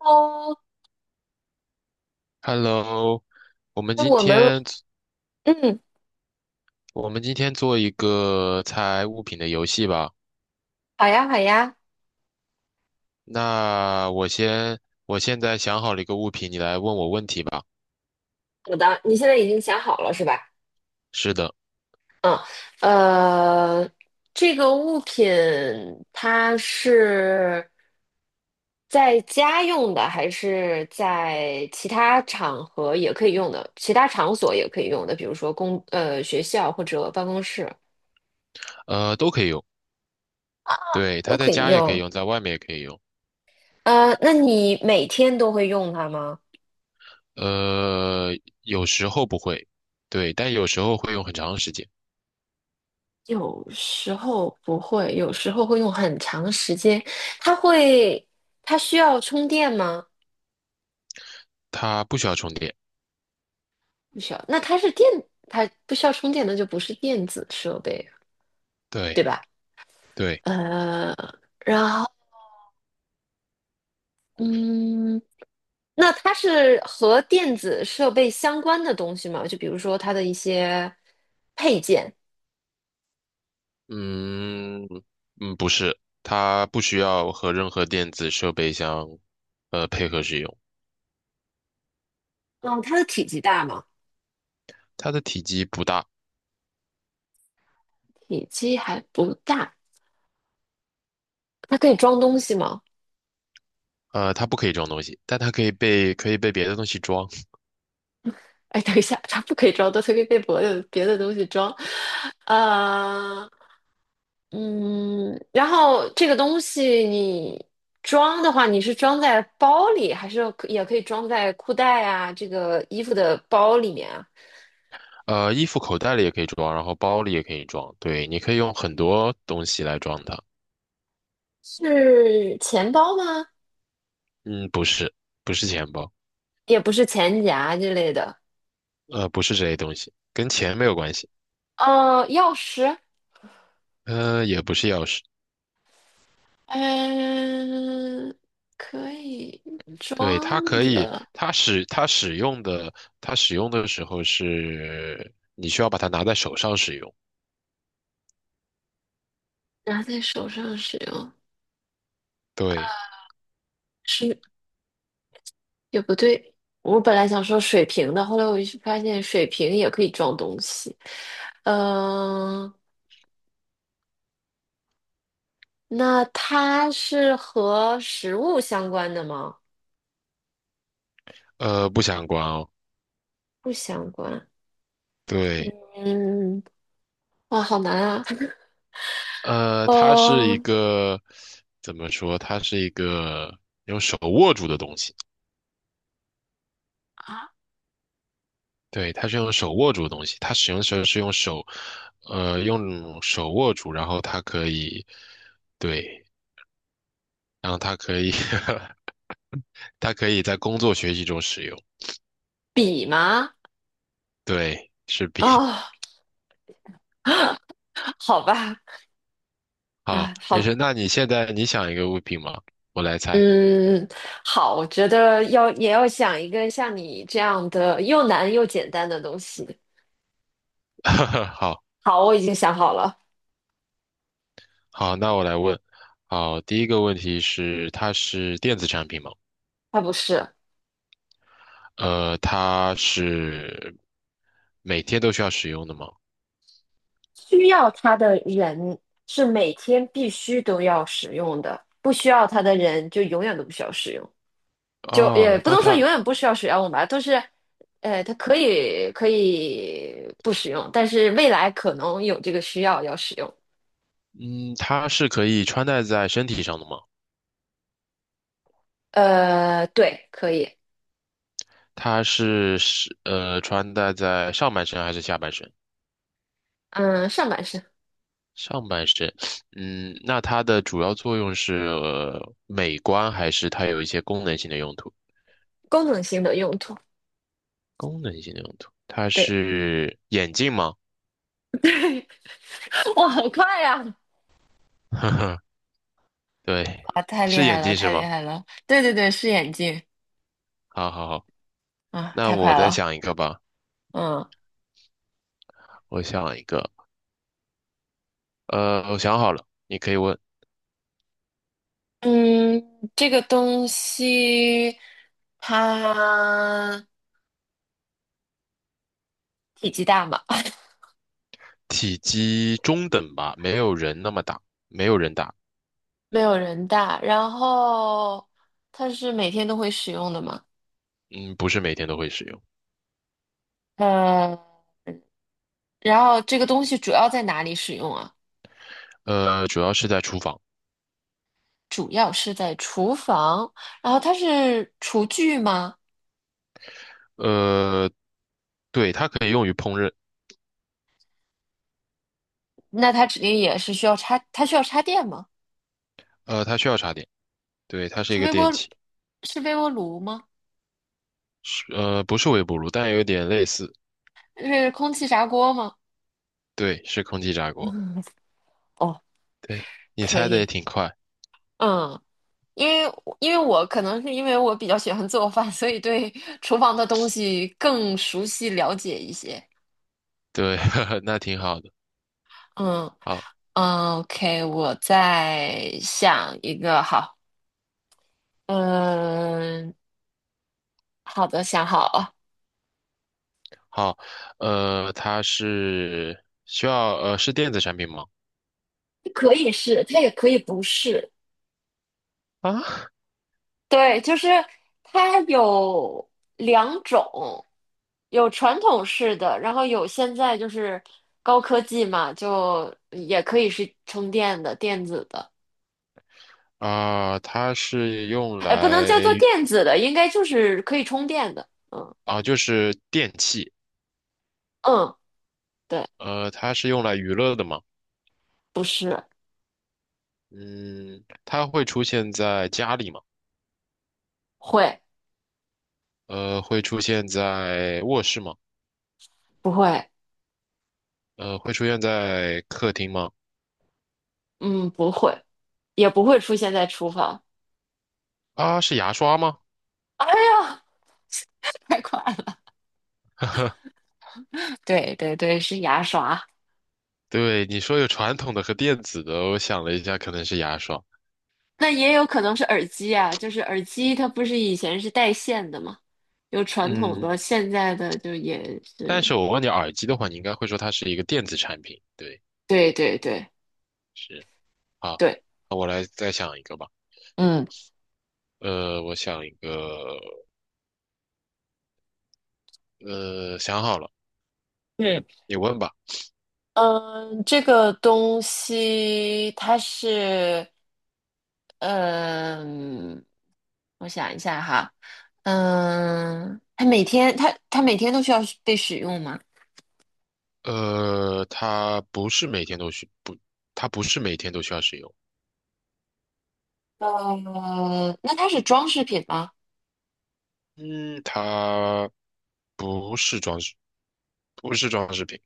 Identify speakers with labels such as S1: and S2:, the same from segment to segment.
S1: 哦，
S2: Hello，我们
S1: 那
S2: 今
S1: 我们
S2: 天
S1: 嗯，
S2: 我们今天做一个猜物品的游戏吧。
S1: 好呀，好呀。
S2: 那我先，我现在想好了一个物品，你来问我问题吧。
S1: 好的，你现在已经想好了是吧？
S2: 是的，
S1: 嗯，呃，这个物品它是在家用的，还是在其他场合也可以用的？其他场所也可以用的，比如说学校或者办公室
S2: 都可以用。对，
S1: 都
S2: 它
S1: 可
S2: 在
S1: 以
S2: 家也可以
S1: 用。
S2: 用，在外面也可以用。
S1: 那你每天都会用它吗？
S2: 呃，有时候不会，对，但有时候会用很长时间。
S1: 有时候不会，有时候会用很长时间。它会，它需要充电吗？
S2: 它不需要充电。
S1: 不需要。那它是电，它不需要充电，那就不是电子设备，对
S2: 对，
S1: 吧？
S2: 对，
S1: 呃，然后，嗯，那它是和电子设备相关的东西吗？就比如说它的一些配件。
S2: 嗯嗯，不是，它不需要和任何电子设备相配合使用。
S1: 嗯，它的体积大吗？
S2: 它的体积不大，
S1: 体积还不大，它可以装东西吗？
S2: 它不可以装东西，但它可以被别的东西装，
S1: 哎，等一下，它不可以装多，都可以被别的东西装。呃，嗯，然后这个东西你装的话，你是装在包里，还是可也可以装在裤袋啊，这个衣服的包里面啊？
S2: 衣服口袋里也可以装，然后包里也可以装，对，你可以用很多东西来装它。
S1: 是钱包吗？
S2: 嗯，不是，不是钱包，
S1: 也不是钱夹之类的。
S2: 不是这些东西，跟钱没有关系，
S1: 钥匙，
S2: 也不是钥匙，
S1: 嗯、可以
S2: 对，它
S1: 装
S2: 可以，
S1: 的，
S2: 它使用的，它使用的时候是你需要把它拿在手上使用，
S1: 拿在手上使用，
S2: 对，
S1: 是也不对，我本来想说水瓶的，后来我就发现水瓶也可以装东西。嗯、那它是和食物相关的吗？
S2: 不相关哦，
S1: 不相关。
S2: 对。
S1: 嗯，哇，好难啊。
S2: 它是一
S1: 哦，
S2: 个怎么说？它是一个用手握住的东西。对，它是用手握住的东西。它使用的时候是用手，用手握住，然后它可以，对，然后它可以，它可以在工作学习中使用。
S1: 笔吗？
S2: 对，是笔。
S1: 哦，好吧。
S2: 好，
S1: 啊，
S2: 没
S1: 好，
S2: 事。那你现在你想一个物品吗？我来猜。
S1: 嗯，好，我觉得要也要想一个像你这样的又难又简单的东西。
S2: 好
S1: 好，我已经想好了。
S2: 好，那我来问。好，第一个问题是，它是电子产品吗？
S1: 它不是。
S2: 它是每天都需要使用的吗？
S1: 需要它的人是每天必须都要使用的，不需要它的人就永远都不需要使用，就也
S2: 哦，
S1: 不
S2: 那
S1: 能说永
S2: 它，
S1: 远不需要使用吧，都是，它可以不使用，但是未来可能有这个需要要使用。
S2: 嗯，它是可以穿戴在身体上的吗？
S1: 对，可以。
S2: 它是穿戴在上半身还是下半身？
S1: 嗯，上半身。
S2: 上半身，嗯，那它的主要作用是，呃美观还是它有一些功能性的用途？
S1: 功能性的用途。
S2: 功能性的用途，它
S1: 对，
S2: 是眼镜吗？
S1: 哇，好快呀！
S2: 对，
S1: 啊，太厉
S2: 是
S1: 害
S2: 眼
S1: 了，
S2: 镜是
S1: 太厉
S2: 吗？
S1: 害了！对对对，是眼镜。
S2: 好好好，
S1: 啊，
S2: 那
S1: 太
S2: 我
S1: 快
S2: 再
S1: 了。
S2: 想一个吧，
S1: 嗯。
S2: 我想一个，我想好了，你可以问。
S1: 嗯，这个东西它体积大吗？
S2: 体积中等吧，没有人那么大，没有人大。
S1: 没有人大，然后它是每天都会使用的吗？
S2: 嗯，不是每天都会使用。
S1: 呃，然后这个东西主要在哪里使用啊？
S2: 主要是在厨房。
S1: 主要是在厨房，然后它是厨具吗？
S2: 呃，对，它可以用于烹饪。
S1: 那它指定也是需要插，它需要插电吗？
S2: 它需要插电。对，它是一
S1: 是
S2: 个
S1: 微
S2: 电
S1: 波，
S2: 器。
S1: 是微波炉吗？
S2: 不是微波炉，但有点类似。
S1: 是空气炸锅吗？
S2: 对，是空气炸锅。
S1: 哦，
S2: 对，你
S1: 可
S2: 猜的也
S1: 以。
S2: 挺快。
S1: 嗯。因为因为我可能是因为我比较喜欢做饭，所以对厨房的东西更熟悉了解一些。
S2: 对，呵呵那挺好的。
S1: 嗯
S2: 好，
S1: 嗯，OK,我再想一个，好，嗯，好的，想好了。
S2: 好，它是是电子产品吗？
S1: 可以是，它也可以不是。
S2: 啊，
S1: 对，就是它有两种，有传统式的，然后有现在就是高科技嘛，就也可以是充电的、电子的。
S2: 啊，它是用
S1: 哎，不能
S2: 来
S1: 叫做
S2: 娱
S1: 电子的，应该就是可以充电的。嗯
S2: 啊，就是电器，
S1: 嗯，对。
S2: 它是用来娱乐的嘛。
S1: 不是。
S2: 嗯，它会出现在家里吗？
S1: 会。
S2: 会出现在卧室吗？
S1: 不会？
S2: 会出现在客厅吗？
S1: 嗯，不会，也不会出现在厨房。
S2: 啊，是牙刷吗？
S1: 哎呀，太快了！对对对，是牙刷。
S2: 对，你说有传统的和电子的，我想了一下，可能是牙刷。
S1: 那也有可能是耳机啊，就是耳机它不是以前是带线的嘛，有传统的，
S2: 嗯，
S1: 现在的就也
S2: 但
S1: 是。
S2: 是我问你耳机的话，你应该会说它是一个电子产品。对，
S1: 对对对
S2: 是。好，
S1: 对。
S2: 那我来再想一个吧。
S1: 嗯。
S2: 我想一个，想好了。
S1: 对。
S2: 你问吧。
S1: 嗯，这个东西它是，嗯，我想一下哈，嗯，它每天都需要被使用吗？
S2: 呃，它不是每天都需不，它不是每天都需要使用。
S1: 那它是装饰品吗？
S2: 嗯，它不是装饰，不是装饰品。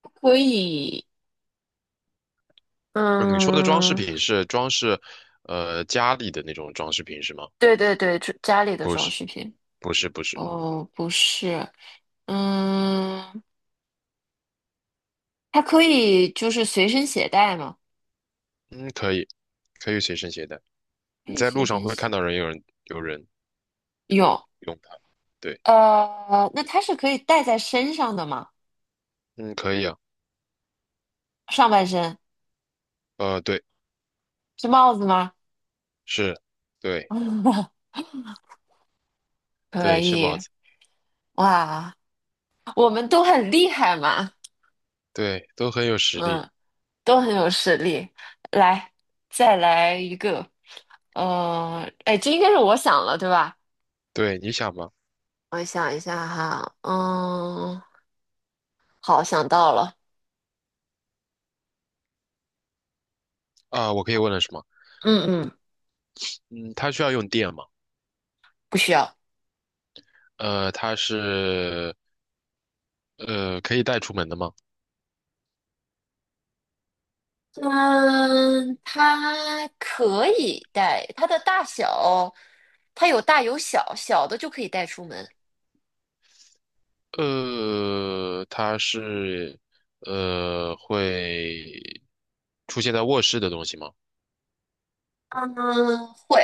S1: 可以。
S2: 呃你说的装饰
S1: 嗯，
S2: 品是装饰，呃，家里的那种装饰品是吗？
S1: 对对对，这家里的
S2: 不
S1: 装
S2: 是，
S1: 饰品。
S2: 不是，不是。
S1: 哦，不是。嗯，它可以就是随身携带吗？
S2: 嗯，可以，可以随身携带。
S1: 可
S2: 你
S1: 以
S2: 在路
S1: 随
S2: 上
S1: 身
S2: 会看
S1: 携。
S2: 到人有人有人
S1: 有。
S2: 用它。对，
S1: 那它是可以戴在身上的吗？
S2: 嗯，可以啊。
S1: 上半身。
S2: 对，
S1: 是帽子吗？
S2: 是，对，
S1: 可
S2: 对，是帽
S1: 以。
S2: 子，
S1: 哇，我们都很厉害嘛。
S2: 对，都很有实力。
S1: 嗯，都很有实力。来，再来一个。哎，这应该是我想了，对吧？
S2: 对，你想吗？
S1: 我想一下哈，嗯，好，想到了。
S2: 啊，我可以问了是吗？
S1: 嗯嗯，
S2: 嗯，它需要用电吗？
S1: 不需要。
S2: 它是可以带出门的吗？
S1: 嗯，它可以戴，它的大小，它有大有小，小的就可以带出门。
S2: 它是会出现在卧室的东西吗？
S1: 嗯，会，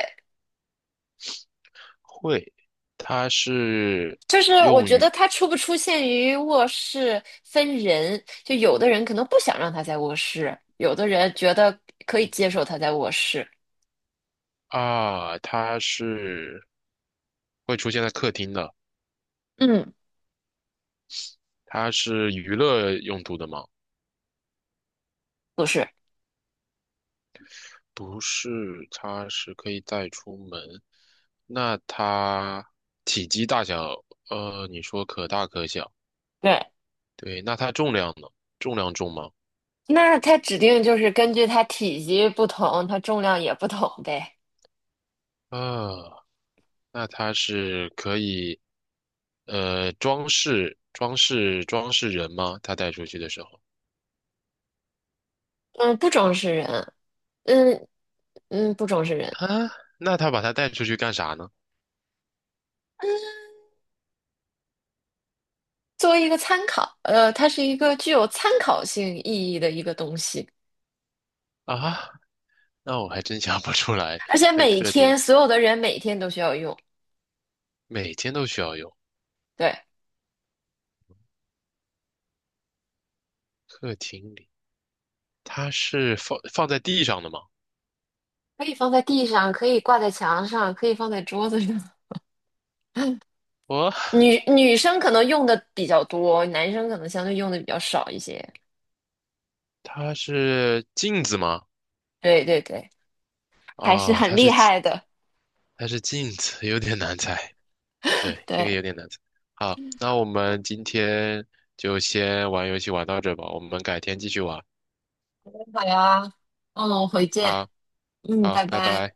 S2: 会，它是
S1: 就是我觉得它出不出现于卧室分人，就有的人可能不想让它在卧室，有的人觉得可以接受它在卧室。
S2: 啊，它是会出现在客厅的，
S1: 嗯，
S2: 它是娱乐用途的吗？
S1: 不是。
S2: 不是，它是可以带出门。那它体积大小，你说可大可小。
S1: 对，
S2: 对，那它重量呢？重量重吗？
S1: 那它指定就是根据它体积不同，它重量也不同呗。
S2: 啊，那它是可以，装饰人吗？它带出去的时候
S1: 嗯，不装饰人，嗯嗯，不装饰人。
S2: 啊，那它把它带出去干啥呢？
S1: 作为一个参考，它是一个具有参考性意义的一个东西，
S2: 啊，那我还真想不出来。
S1: 而且
S2: 在
S1: 每
S2: 客厅
S1: 天所有的人每天都需要用，
S2: 每天都需要用，
S1: 对。
S2: 客厅里它是放在地上的吗？
S1: 可以放在地上，可以挂在墙上，可以放在桌子上。
S2: 哦，
S1: 女生可能用的比较多，男生可能相对用的比较少一些。
S2: 它是镜子吗？
S1: 对对对，还是
S2: 啊，
S1: 很
S2: 它是
S1: 厉害的。
S2: 它是镜子，有点难猜。对，这个
S1: 对。
S2: 有点难猜。好，那我们今天就先玩游戏玩到这吧，我们改天继续玩。
S1: 好呀，嗯，回见，
S2: 好，
S1: 嗯，
S2: 好，
S1: 拜
S2: 拜
S1: 拜。
S2: 拜。